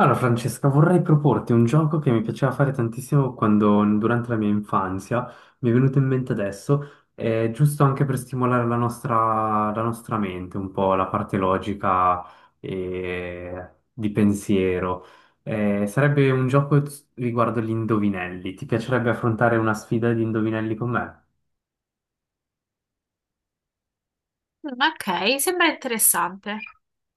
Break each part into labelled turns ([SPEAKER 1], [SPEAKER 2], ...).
[SPEAKER 1] Allora, Francesca, vorrei proporti un gioco che mi piaceva fare tantissimo quando, durante la mia infanzia, mi è venuto in mente adesso, è giusto anche per stimolare la nostra mente, un po' la parte logica e di pensiero. Sarebbe un gioco riguardo gli indovinelli. Ti piacerebbe affrontare una sfida di indovinelli con me?
[SPEAKER 2] Ok, sembra interessante.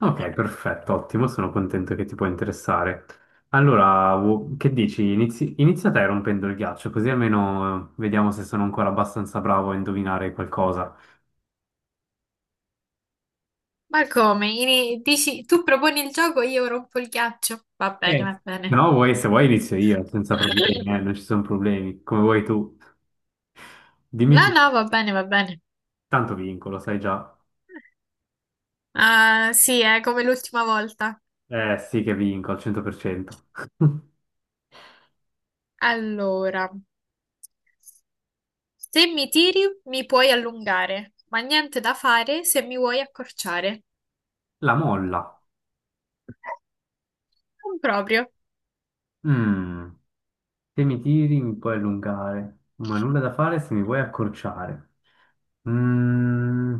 [SPEAKER 1] Ok, perfetto, ottimo, sono contento che ti può interessare. Allora, che dici? Inizia te rompendo il ghiaccio, così almeno vediamo se sono ancora abbastanza bravo a indovinare qualcosa.
[SPEAKER 2] Ma come? Dici, tu proponi il gioco, io rompo il ghiaccio? Va bene, va
[SPEAKER 1] Se
[SPEAKER 2] bene.
[SPEAKER 1] No, se vuoi inizio io, senza problemi, non ci sono problemi, come vuoi tu. Dimmi
[SPEAKER 2] No,
[SPEAKER 1] tu,
[SPEAKER 2] no, va bene, va bene.
[SPEAKER 1] tanto vinco, lo sai già.
[SPEAKER 2] Ah, sì, è come l'ultima volta.
[SPEAKER 1] Eh sì che vinco, al 100%.
[SPEAKER 2] Allora, se mi tiri, mi puoi allungare, ma niente da fare se mi vuoi accorciare.
[SPEAKER 1] La molla.
[SPEAKER 2] Non proprio.
[SPEAKER 1] Mm, Se mi tiri mi puoi allungare, ma nulla da fare se mi vuoi accorciare. Mm.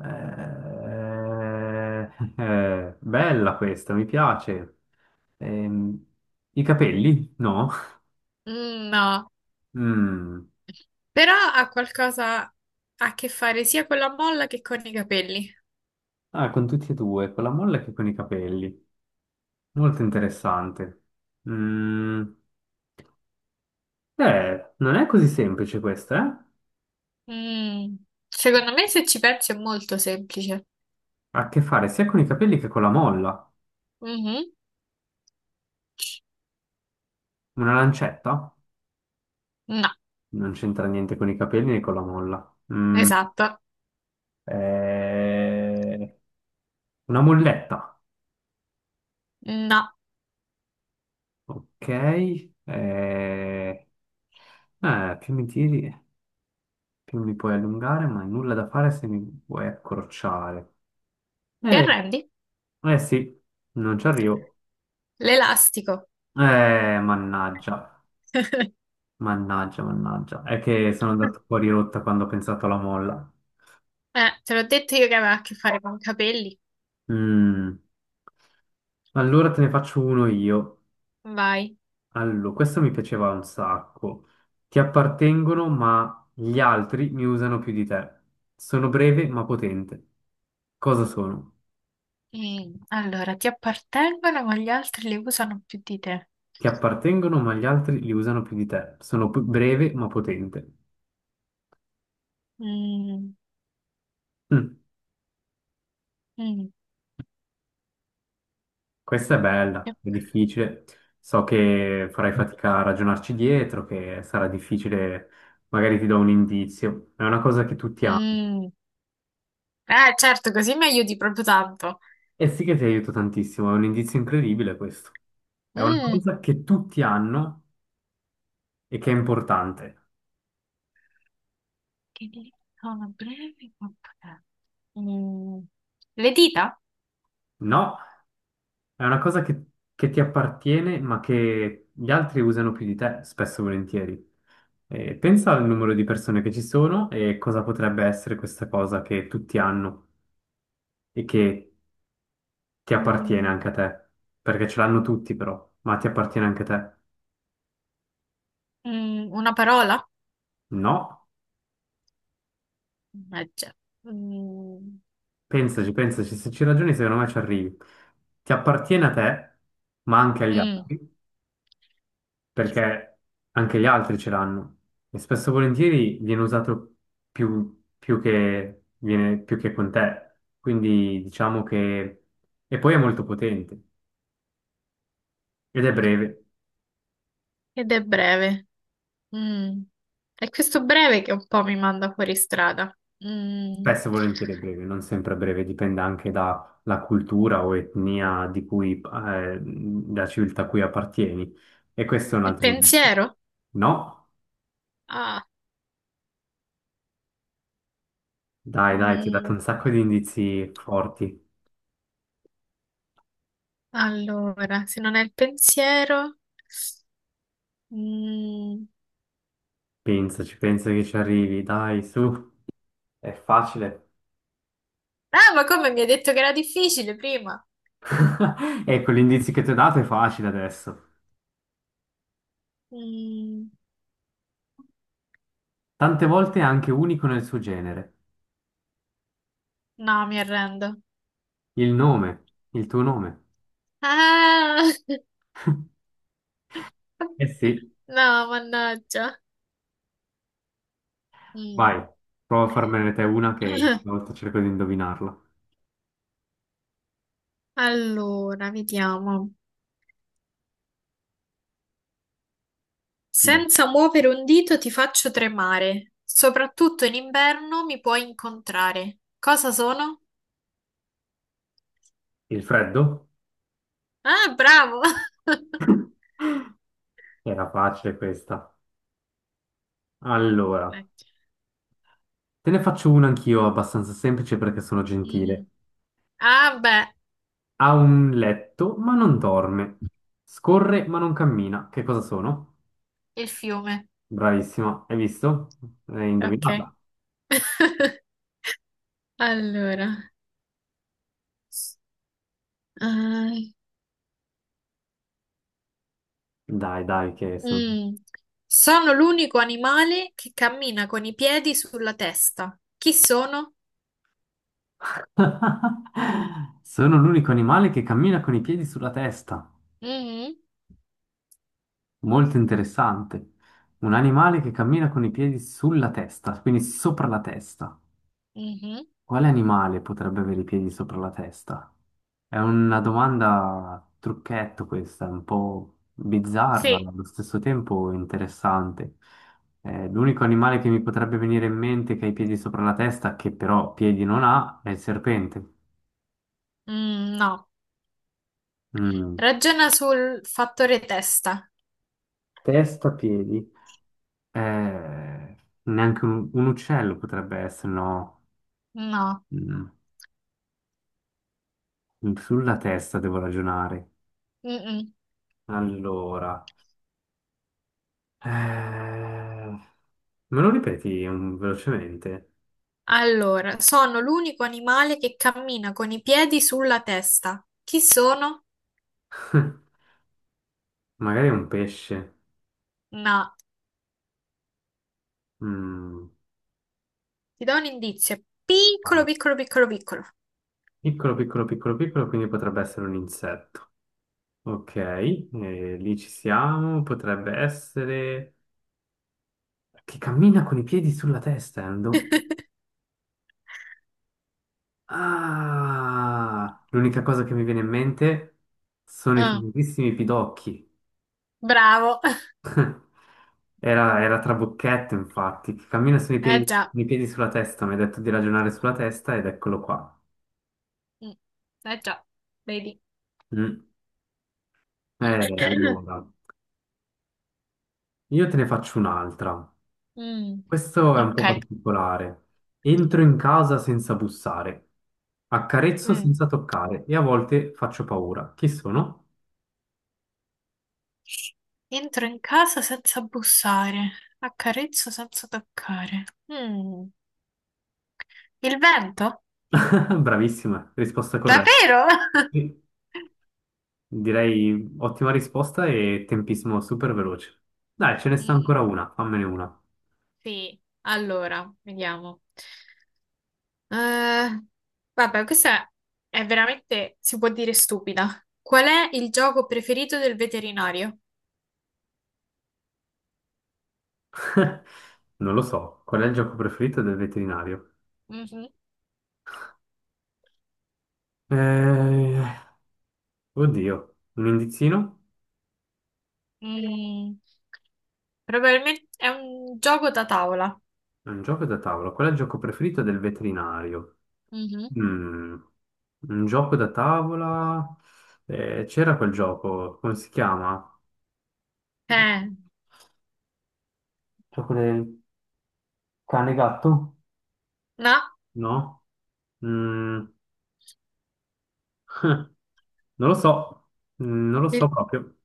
[SPEAKER 1] Eh, bella questa, mi piace. Ehm, i capelli? No.
[SPEAKER 2] Mm, no,
[SPEAKER 1] Mm.
[SPEAKER 2] però ha qualcosa a che fare sia con la molla che con i capelli.
[SPEAKER 1] Ah, con tutti e due, con la molla che con i capelli. Molto interessante. Mm. Non è così semplice questa, eh?
[SPEAKER 2] Mm, Secondo me, se ci pensi, è molto semplice.
[SPEAKER 1] Ha a che fare sia con i capelli che con la molla.
[SPEAKER 2] Mhm.
[SPEAKER 1] Una lancetta?
[SPEAKER 2] No,
[SPEAKER 1] Non c'entra niente con i capelli né con la molla. Mm.
[SPEAKER 2] esatto.
[SPEAKER 1] Eh, una molletta.
[SPEAKER 2] No.
[SPEAKER 1] Ok. Eh, più mi tiri, più mi puoi allungare, ma nulla da fare se mi vuoi accorciare.
[SPEAKER 2] Ti
[SPEAKER 1] Eh,
[SPEAKER 2] arrendi?
[SPEAKER 1] eh sì, non ci arrivo.
[SPEAKER 2] L'elastico.
[SPEAKER 1] Eh, mannaggia, mannaggia. È che sono andato fuori rotta quando ho pensato alla molla.
[SPEAKER 2] Te l'ho detto io che aveva a che fare con i capelli.
[SPEAKER 1] Mm, allora te ne faccio uno io.
[SPEAKER 2] Vai.
[SPEAKER 1] Allora, questo mi piaceva un sacco. Ti appartengono, ma gli altri mi usano più di te. Sono breve, ma potente. Cosa sono?
[SPEAKER 2] Allora, ti appartengono, ma gli altri li usano più di te.
[SPEAKER 1] Ti appartengono, ma gli altri li usano più di te. Sono breve, ma potente.
[SPEAKER 2] Mm,
[SPEAKER 1] Mm,
[SPEAKER 2] mm,
[SPEAKER 1] questa è bella, è difficile. So che farai fatica a ragionarci dietro, che sarà difficile, magari ti do un indizio. È una cosa che tutti Mm. hanno.
[SPEAKER 2] mm. Certo, così mi aiuti proprio tanto.
[SPEAKER 1] E sì che ti aiuto tantissimo, è un indizio incredibile questo. È una
[SPEAKER 2] Mm,
[SPEAKER 1] cosa che tutti hanno e che è importante.
[SPEAKER 2] Che dita sono brevi, ma potenti. Mm, Le dita?
[SPEAKER 1] No? È una cosa che ti appartiene, ma che gli altri usano più di te, spesso e volentieri. Pensa al numero di persone che ci sono e cosa potrebbe essere questa cosa che tutti hanno e che ti appartiene
[SPEAKER 2] Mm,
[SPEAKER 1] anche a te. Perché ce l'hanno tutti, però, ma ti appartiene anche a te.
[SPEAKER 2] Una parola?
[SPEAKER 1] No,
[SPEAKER 2] Eh già. Mm,
[SPEAKER 1] pensaci, se ci ragioni, secondo me ci arrivi. Ti appartiene a te, ma anche agli
[SPEAKER 2] mm,
[SPEAKER 1] altri. Perché anche gli altri ce l'hanno e spesso e volentieri viene usato più che con te, quindi diciamo che... e poi è molto potente ed è breve,
[SPEAKER 2] Ed è breve. Mm. È questo breve che un po' mi manda fuori strada. Mm.
[SPEAKER 1] spesso e volentieri è breve, non sempre è breve, dipende anche dalla cultura o etnia di cui, da civiltà a cui appartieni e questo è un
[SPEAKER 2] Il
[SPEAKER 1] altro indizio.
[SPEAKER 2] pensiero?
[SPEAKER 1] No,
[SPEAKER 2] Ah,
[SPEAKER 1] dai, ti ho dato un
[SPEAKER 2] mm,
[SPEAKER 1] sacco di indizi forti,
[SPEAKER 2] allora, se non è il pensiero... mm.
[SPEAKER 1] pensaci, pensa che ci arrivi, dai, su, è facile.
[SPEAKER 2] Ah, ma come mi hai detto che era difficile prima?
[SPEAKER 1] Ecco, l'indizio che ti ho dato è facile adesso.
[SPEAKER 2] Mm,
[SPEAKER 1] Tante volte è anche unico nel suo genere.
[SPEAKER 2] no, mi arrendo.
[SPEAKER 1] Il nome, il tuo nome.
[SPEAKER 2] Ah!
[SPEAKER 1] Eh sì,
[SPEAKER 2] No, mannaggia.
[SPEAKER 1] vai,
[SPEAKER 2] Mm.
[SPEAKER 1] prova a farmene te una che una volta cerco di indovinarla.
[SPEAKER 2] Allora, vediamo.
[SPEAKER 1] Dai.
[SPEAKER 2] Senza muovere un dito ti faccio tremare. Soprattutto in inverno mi puoi incontrare. Cosa sono?
[SPEAKER 1] Il freddo?
[SPEAKER 2] Ah, bravo!
[SPEAKER 1] Era facile questa.
[SPEAKER 2] Mm.
[SPEAKER 1] Allora, te ne faccio una anch'io abbastanza semplice perché sono gentile.
[SPEAKER 2] mm. Ah, beh,
[SPEAKER 1] Ha un letto ma non dorme. Scorre ma non cammina. Che cosa sono?
[SPEAKER 2] il fiume.
[SPEAKER 1] Bravissima, hai visto? Hai
[SPEAKER 2] Ok.
[SPEAKER 1] indovinata.
[SPEAKER 2] Allora, eh,
[SPEAKER 1] Dai, che sono...
[SPEAKER 2] mm. Sono l'unico animale che cammina con i piedi sulla testa. Chi sono?
[SPEAKER 1] Sono l'unico animale che cammina con i piedi sulla testa.
[SPEAKER 2] Mhm,
[SPEAKER 1] Molto interessante. Un animale che cammina con i piedi sulla testa, quindi sopra la testa.
[SPEAKER 2] mhm.
[SPEAKER 1] Quale animale potrebbe avere i piedi sopra la testa? È una domanda trucchetto questa, un po' bizzarra,
[SPEAKER 2] Sì,
[SPEAKER 1] ma allo stesso tempo interessante. L'unico animale che mi potrebbe venire in mente che ha i piedi sopra la testa, che però piedi non ha, è il serpente.
[SPEAKER 2] mm, no.
[SPEAKER 1] Mm.
[SPEAKER 2] Ragiona sul fattore testa.
[SPEAKER 1] Testa, piedi. Eh, neanche un uccello potrebbe essere, no?
[SPEAKER 2] No.
[SPEAKER 1] Mm, sulla testa devo ragionare.
[SPEAKER 2] Mm-mm.
[SPEAKER 1] Allora, eh, me lo ripeti velocemente?
[SPEAKER 2] Allora, sono l'unico animale che cammina con i piedi sulla testa. Chi sono?
[SPEAKER 1] Magari è un pesce.
[SPEAKER 2] No.
[SPEAKER 1] Mm,
[SPEAKER 2] Ti do un indizio. Piccolo,
[SPEAKER 1] vai.
[SPEAKER 2] piccolo, piccolo, piccolo.
[SPEAKER 1] Piccolo, piccolo, piccolo, piccolo, quindi potrebbe essere un insetto. Ok, lì ci siamo. Potrebbe essere che cammina con i piedi sulla testa. Ah, l'unica cosa che mi viene in mente sono i
[SPEAKER 2] Mm,
[SPEAKER 1] famosissimi pidocchi.
[SPEAKER 2] bravo.
[SPEAKER 1] Era Trabocchetto, infatti, che cammina
[SPEAKER 2] Eh già.
[SPEAKER 1] sui piedi sulla testa. Mi ha detto di ragionare sulla testa ed eccolo qua.
[SPEAKER 2] Mm, Eh già. Vedi.
[SPEAKER 1] Mm. Allora, io te ne faccio un'altra. Questo è
[SPEAKER 2] Mm,
[SPEAKER 1] un po'
[SPEAKER 2] ok.
[SPEAKER 1] particolare. Entro in casa senza bussare, accarezzo
[SPEAKER 2] Mm.
[SPEAKER 1] senza toccare e a volte faccio paura. Chi sono?
[SPEAKER 2] Entro in casa senza bussare. Accarezzo senza toccare. Mm, Il vento?
[SPEAKER 1] Bravissima, risposta corretta.
[SPEAKER 2] Davvero?
[SPEAKER 1] Sì. Direi ottima risposta e tempismo super veloce. Dai, ce ne sta
[SPEAKER 2] Mm,
[SPEAKER 1] ancora
[SPEAKER 2] mm.
[SPEAKER 1] una, fammene una.
[SPEAKER 2] Sì, allora, vediamo. Eh, vabbè, questa è veramente, si può dire stupida. Qual è il gioco preferito del veterinario?
[SPEAKER 1] Non lo so, qual è il gioco preferito del veterinario?
[SPEAKER 2] Mhm.
[SPEAKER 1] Eh, oddio, un indizino?
[SPEAKER 2] Mm, Probabilmente è un gioco da tavola.
[SPEAKER 1] È un gioco da tavola. Qual è il gioco preferito del veterinario?
[SPEAKER 2] Mhm.
[SPEAKER 1] Mm, un gioco da tavola? C'era quel gioco, come si chiama?
[SPEAKER 2] Eh,
[SPEAKER 1] Gioco del cane gatto?
[SPEAKER 2] no,
[SPEAKER 1] No? Mm, non lo so, mm, non lo so
[SPEAKER 2] il,
[SPEAKER 1] proprio.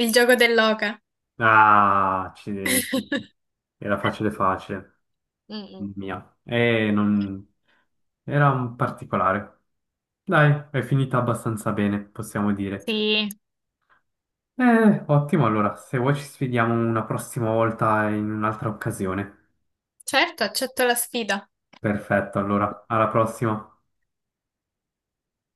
[SPEAKER 2] il gioco dell'oca.
[SPEAKER 1] Ah, accidenti. Era facile facile.
[SPEAKER 2] Mm, mm.
[SPEAKER 1] Mia. E non... Era un particolare. Dai, è finita abbastanza bene, possiamo dire.
[SPEAKER 2] Sì,
[SPEAKER 1] Ottimo, allora, se vuoi ci sfidiamo una prossima volta in un'altra occasione.
[SPEAKER 2] certo, accetto la sfida.
[SPEAKER 1] Perfetto, allora, alla prossima.